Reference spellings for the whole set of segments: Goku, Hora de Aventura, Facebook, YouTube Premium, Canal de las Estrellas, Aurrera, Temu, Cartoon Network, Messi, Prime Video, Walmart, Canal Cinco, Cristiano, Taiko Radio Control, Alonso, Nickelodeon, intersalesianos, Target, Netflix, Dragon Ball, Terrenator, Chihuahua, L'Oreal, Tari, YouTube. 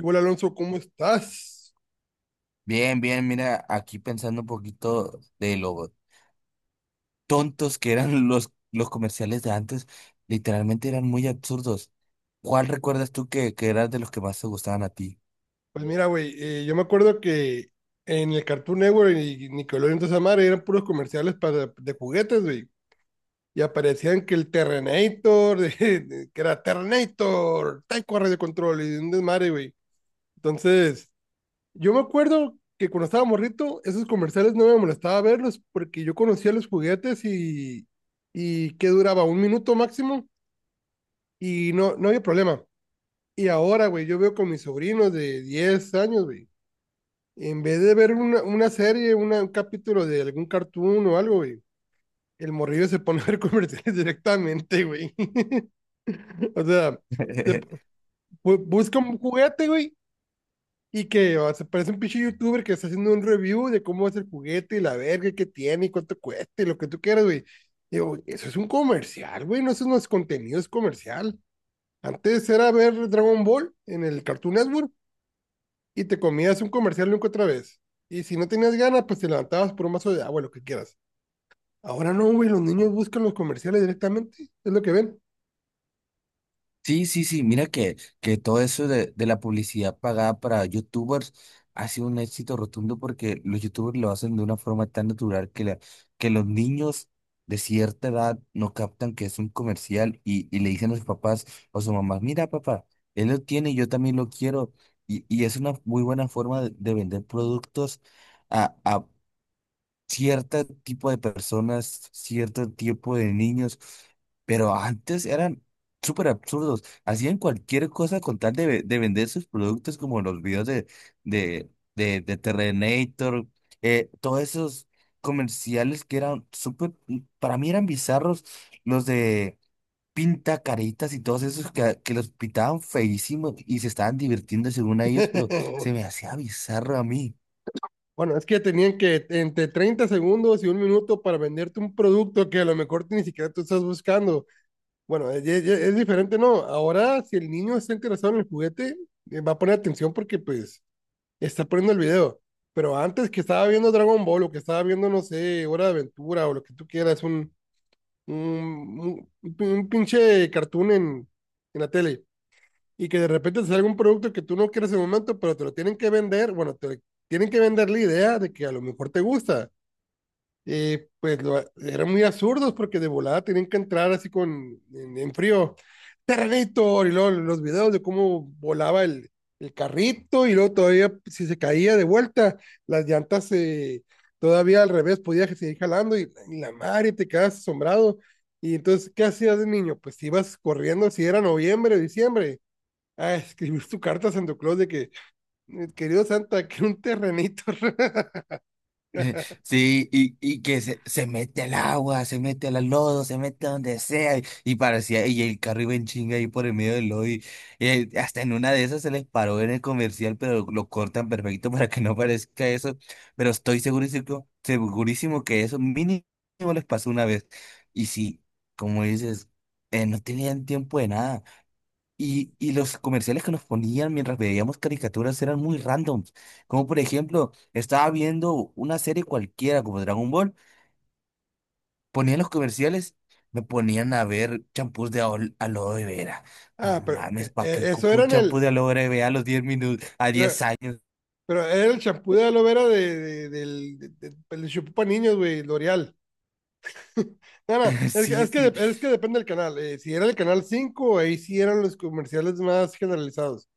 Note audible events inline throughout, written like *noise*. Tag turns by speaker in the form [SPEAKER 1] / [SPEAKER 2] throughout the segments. [SPEAKER 1] Hola Alonso, ¿cómo estás?
[SPEAKER 2] Bien, bien, mira, aquí pensando un poquito de lo tontos que eran *laughs* los comerciales de antes, literalmente eran muy absurdos. ¿Cuál recuerdas tú que eras de los que más te gustaban a ti?
[SPEAKER 1] Pues mira, güey, yo me acuerdo que en el Cartoon Network y Nickelodeon toda esa madre eran puros comerciales para, de juguetes, güey. Y aparecían que el Terrenator, *laughs* que era Terrenator, Taiko Radio Control y un desmadre, güey. Entonces, yo me acuerdo que cuando estaba morrito, esos comerciales no me molestaba verlos porque yo conocía los juguetes y que duraba un minuto máximo y no, no había problema. Y ahora, güey, yo veo con mis sobrinos de 10 años, güey. En vez de ver una serie, un capítulo de algún cartoon o algo, güey, el morrillo se pone a ver comerciales *laughs* directamente, güey. *laughs* O sea, se p-
[SPEAKER 2] *laughs*
[SPEAKER 1] busca un juguete, güey, y que o, se parece un pinche youtuber que está haciendo un review de cómo es el juguete y la verga que tiene y cuánto cuesta y lo que tú quieras, güey. Digo, eso es un comercial, güey, no, eso no es contenido, es comercial. Antes era ver Dragon Ball en el Cartoon Network y te comías un comercial nunca otra vez. Y si no tenías ganas, pues te levantabas por un vaso de agua, lo que quieras. Ahora no, güey, los niños buscan los comerciales directamente, es lo que ven.
[SPEAKER 2] Sí, sí, sí, mira que todo eso de la publicidad pagada para youtubers ha sido un éxito rotundo porque los youtubers lo hacen de una forma tan natural que, la, que los niños de cierta edad no captan que es un comercial y le dicen a sus papás o su mamá, mira papá, él lo tiene, yo también lo quiero. Y es una muy buena forma de vender productos cierto tipo de personas, cierto tipo de niños, pero antes eran súper absurdos, hacían cualquier cosa con tal de, de vender sus productos como los videos de, de Terrenator, todos esos comerciales que eran súper, para mí eran bizarros, los de pinta caritas y todos esos que los pintaban feísimos y se estaban divirtiendo según a ellos, pero se me
[SPEAKER 1] *laughs*
[SPEAKER 2] hacía bizarro a mí.
[SPEAKER 1] Bueno, es que tenían que entre 30 segundos y un minuto para venderte un producto que a lo mejor ni siquiera tú estás buscando. Bueno, es diferente, ¿no? Ahora, si el niño está interesado en el juguete, va a poner atención porque, pues, está poniendo el video. Pero antes que estaba viendo Dragon Ball o que estaba viendo, no sé, Hora de Aventura o lo que tú quieras, un, un- un pinche cartoon en la tele y que de repente te salga un producto que tú no quieres en el momento, pero te lo tienen que vender, bueno, te tienen que vender la idea de que a lo mejor te gusta pues eran muy absurdos porque de volada tenían que entrar así con en frío. Terrenator, y luego los videos de cómo volaba el carrito, y luego todavía pues, si se caía de vuelta, las llantas todavía al revés podía seguir jalando, y la madre te quedas asombrado. Y entonces, ¿qué hacías de niño? Pues te ibas corriendo, si era noviembre, diciembre, a escribir tu carta a Santa Claus de que, querido Santa, *laughs* que un terrenito." *laughs*
[SPEAKER 2] *laughs* Sí, y que se mete al agua, se mete al lodo, se mete donde sea, y parecía, y el carro iba en chinga ahí por el medio del lodo, y, hasta en una de esas se les paró en el comercial, pero lo cortan perfecto *laughs* para que no parezca eso, pero estoy segurísimo, segurísimo que eso mínimo les pasó una vez, y sí, como dices, no tenían tiempo de nada. Y los comerciales que nos ponían mientras veíamos caricaturas eran muy randoms. Como por ejemplo, estaba viendo una serie cualquiera como Dragon Ball, ponían los comerciales, me ponían a ver champús de aloe vera. No
[SPEAKER 1] Ah, pero
[SPEAKER 2] mames, ¿para qué
[SPEAKER 1] eso
[SPEAKER 2] ocupo
[SPEAKER 1] era
[SPEAKER 2] un
[SPEAKER 1] en
[SPEAKER 2] champú
[SPEAKER 1] el,
[SPEAKER 2] de aloe vera a los 10 minutos, a
[SPEAKER 1] pero
[SPEAKER 2] 10 años?
[SPEAKER 1] pero era el champú de aloe vera del champú para niños, güey, L'Oreal. *laughs* No, no,
[SPEAKER 2] *laughs* Sí, sí,
[SPEAKER 1] es que depende del canal. Si era el canal 5 ahí sí eran los comerciales más generalizados.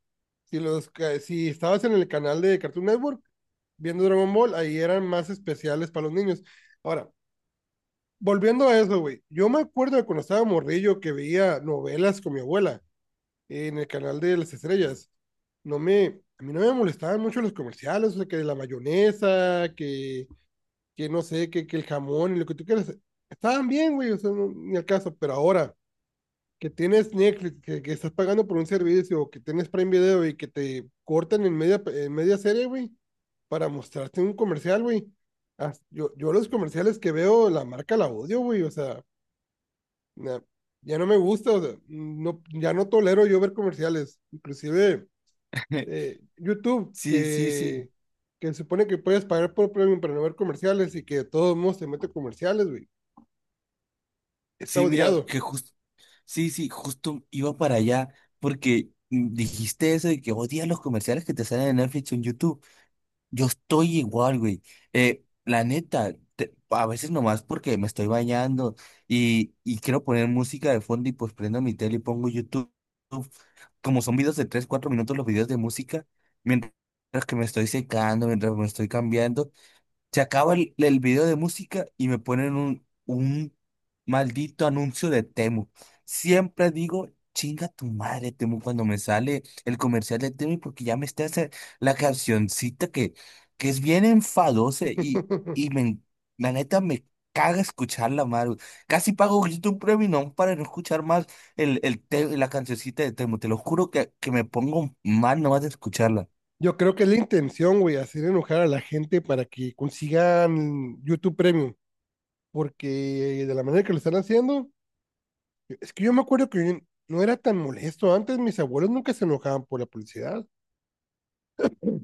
[SPEAKER 1] Si, si estabas en el canal de Cartoon Network viendo Dragon Ball, ahí eran más especiales para los niños. Ahora, volviendo a eso, güey, yo me acuerdo de cuando estaba morrillo que veía novelas con mi abuela en el canal de las estrellas, a mí no me molestaban mucho los comerciales, o sea, que la mayonesa, que no sé, que el jamón y lo que tú quieras, estaban bien, güey, o sea, no, ni al caso, pero ahora que tienes Netflix, que estás pagando por un servicio, que tienes Prime Video y que te cortan en media serie, güey, para mostrarte un comercial, güey. Yo los comerciales que veo, la marca la odio, güey, o sea, na- ya no me gusta, o sea, no, ya no tolero yo ver comerciales, inclusive
[SPEAKER 2] *laughs*
[SPEAKER 1] YouTube,
[SPEAKER 2] sí, sí, sí.
[SPEAKER 1] que se supone que puedes pagar por premium para no ver comerciales y que de todos modos se mete comerciales, güey. Está
[SPEAKER 2] Sí, mira,
[SPEAKER 1] odiado.
[SPEAKER 2] que justo, sí, sí, justo iba para allá porque dijiste eso de que odias los comerciales que te salen en Netflix o en YouTube. Yo estoy igual, güey. La neta, a veces nomás porque me estoy bañando y quiero poner música de fondo y pues prendo mi tele y pongo YouTube. Como son videos de 3 4 minutos los videos de música, mientras que me estoy secando, mientras me estoy cambiando, se acaba el video de música y me ponen un maldito anuncio de Temu. Siempre digo, chinga tu madre, Temu, cuando me sale el comercial de Temu, porque ya me está haciendo la cancioncita que es bien enfadosa
[SPEAKER 1] *laughs*
[SPEAKER 2] y me, la neta me caga escucharla, Maru. Casi pago ahorita un premium para no escuchar más el, la cancioncita de Temu. Te lo juro que me pongo mal nomás de escucharla.
[SPEAKER 1] Yo creo que es la intención, güey, hacer enojar a la gente para que consigan YouTube Premium, porque de la manera que lo están haciendo, es que yo me acuerdo que no era tan molesto antes, mis abuelos nunca se enojaban por la publicidad,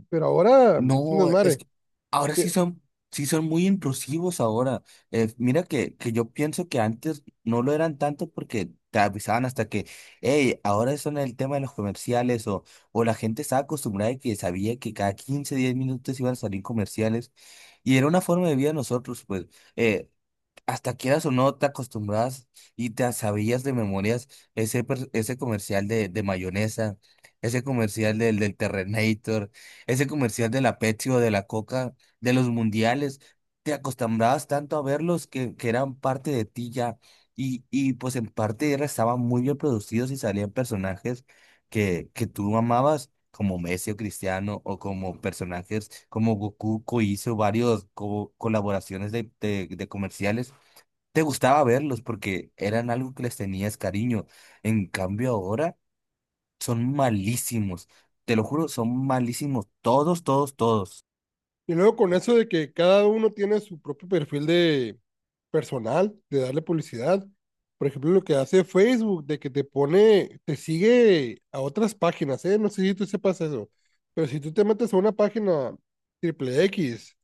[SPEAKER 1] pero ahora es un
[SPEAKER 2] No, es
[SPEAKER 1] desmadre.
[SPEAKER 2] que ahora sí son, sí son muy intrusivos ahora. Mira que yo pienso que antes no lo eran tanto porque te avisaban hasta que, hey, ahora son el tema de los comerciales o la gente estaba acostumbrada y que sabía que cada 15 10 minutos iban a salir comerciales y era una forma de vida de nosotros, pues. eh, Hasta quieras o no, te acostumbras y te sabías de memorias ese comercial de mayonesa, ese comercial del Terrenator, ese comercial de la Pepsi o de la Coca, de los mundiales. Te acostumbrabas tanto a verlos que eran parte de ti ya. Y pues en parte estaban muy bien producidos y salían personajes que tú amabas. Como Messi o Cristiano, o como personajes como Goku, que hizo varios colaboraciones de de comerciales te gustaba verlos porque eran algo que les tenías cariño. En cambio ahora son malísimos. Te lo juro, son malísimos. Todos, todos, todos.
[SPEAKER 1] Y luego con eso de que cada uno tiene su propio perfil de personal, de darle publicidad. Por ejemplo, lo que hace Facebook, de que te pone, te sigue a otras páginas, ¿eh? No sé si tú sepas eso, pero si tú te metes a una página triple X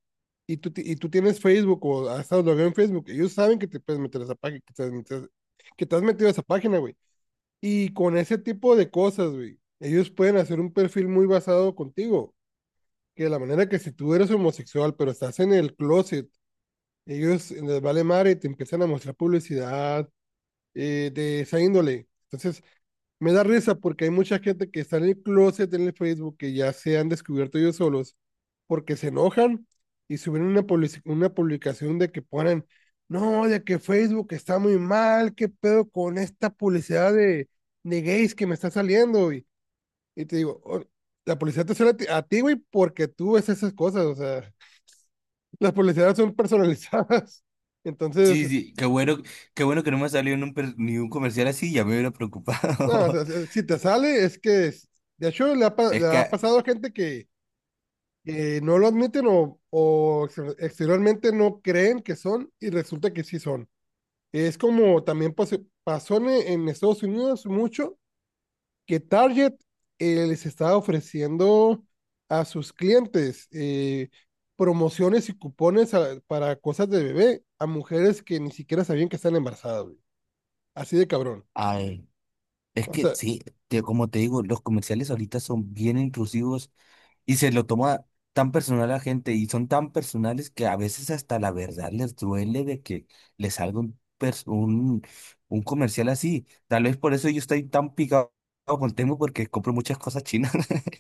[SPEAKER 1] y tú tienes Facebook o has estado logueado en Facebook, ellos saben que te puedes meter a esa página, que te has metido, que te has metido a esa página, güey. Y con ese tipo de cosas, güey, ellos pueden hacer un perfil muy basado contigo que de la manera que si tú eres homosexual, pero estás en el closet, ellos les vale madre y te empiezan a mostrar publicidad de esa índole. Entonces, me da risa porque hay mucha gente que está en el closet en el Facebook que ya se han descubierto ellos solos porque se enojan y suben una, una publicación de que ponen, no, de que Facebook está muy mal, qué pedo con esta publicidad de gays que me está saliendo. Y te digo, "Oh, la publicidad te sale a ti, güey, porque tú ves esas cosas, o sea, las publicidades son personalizadas." *laughs*
[SPEAKER 2] Sí,
[SPEAKER 1] Entonces,
[SPEAKER 2] sí, qué bueno que no me salió ni ni un comercial así, ya me hubiera
[SPEAKER 1] no, o
[SPEAKER 2] preocupado.
[SPEAKER 1] sea, si te sale, de hecho,
[SPEAKER 2] *laughs* Es
[SPEAKER 1] le ha
[SPEAKER 2] que,
[SPEAKER 1] pasado a gente que no lo admiten o exteriormente no creen que son y resulta que sí son. Es como también pasó en Estados Unidos mucho que Target les estaba ofreciendo a sus clientes promociones y cupones para cosas de bebé a mujeres que ni siquiera sabían que están embarazadas, güey. Así de cabrón.
[SPEAKER 2] ay, es
[SPEAKER 1] O
[SPEAKER 2] que
[SPEAKER 1] sea,
[SPEAKER 2] sí, como te digo, los comerciales ahorita son bien intrusivos. Y se lo toma tan personal a la gente y son tan personales que a veces hasta la verdad les duele de que les salga un comercial así. Tal vez por eso yo estoy tan picado con Temu porque compro muchas cosas chinas. *laughs*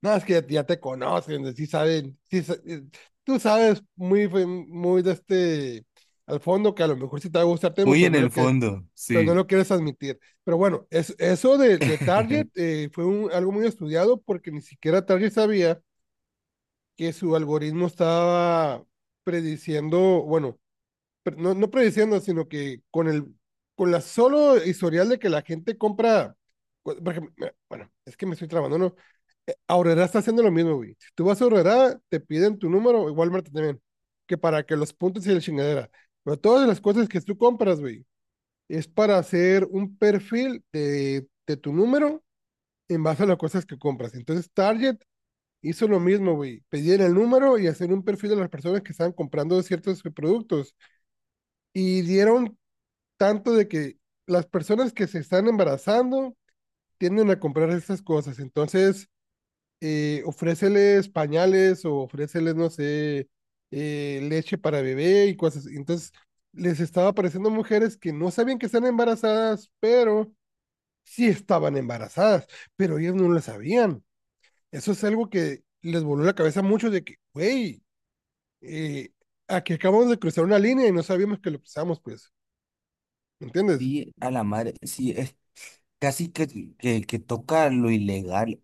[SPEAKER 1] no, es que ya, ya te conocen, sí saben, tú sabes muy, muy de este, al fondo que a lo mejor sí te va a gustar Temu,
[SPEAKER 2] Muy
[SPEAKER 1] pero
[SPEAKER 2] en
[SPEAKER 1] no lo
[SPEAKER 2] el
[SPEAKER 1] que,
[SPEAKER 2] fondo,
[SPEAKER 1] pero no
[SPEAKER 2] sí.
[SPEAKER 1] lo quieres admitir. Pero bueno, es, eso de Target
[SPEAKER 2] *laughs*
[SPEAKER 1] fue un, algo muy estudiado porque ni siquiera Target sabía que su algoritmo estaba prediciendo, bueno, no, no prediciendo, sino que con con la solo historial de que la gente compra, por ejemplo, bueno, es que me estoy trabando, ¿no? No, Aurrera está haciendo lo mismo, güey. Si tú vas a Aurrera, te piden tu número, igual Walmart también, que para que los puntos y la chingadera. Pero todas las cosas que tú compras, güey, es para hacer un perfil de tu número en base a las cosas que compras. Entonces, Target hizo lo mismo, güey. Pedían el número y hacer un perfil de las personas que estaban comprando ciertos productos. Y dieron tanto de que las personas que se están embarazando tienden a comprar estas cosas. Entonces, ofréceles pañales o ofréceles, no sé, leche para bebé y cosas. Así. Entonces, les estaba apareciendo mujeres que no sabían que están embarazadas, pero sí estaban embarazadas, pero ellas no lo sabían. Eso es algo que les voló la cabeza mucho de que, güey, eh, aquí acabamos de cruzar una línea y no sabíamos que lo cruzamos, pues, ¿me entiendes?
[SPEAKER 2] Sí, a la madre, sí, es casi que toca lo ilegal.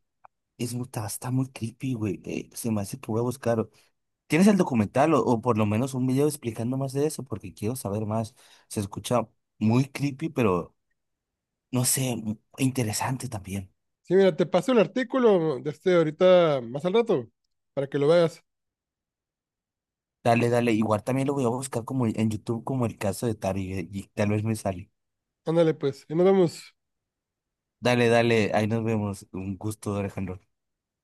[SPEAKER 2] Es, está muy creepy, güey. Se me hace que voy a buscar. ¿Tienes el documental o por lo menos un video explicando más de eso? Porque quiero saber más. Se escucha muy creepy, pero no sé, interesante también.
[SPEAKER 1] Sí, mira, te paso el artículo de este ahorita más al rato para que lo veas.
[SPEAKER 2] Dale, dale. Igual también lo voy a buscar como en YouTube, como el caso de Tari, y tal vez me sale.
[SPEAKER 1] Ándale, pues, y nos vemos.
[SPEAKER 2] Dale, dale. Ahí nos vemos. Un gusto, Alejandro.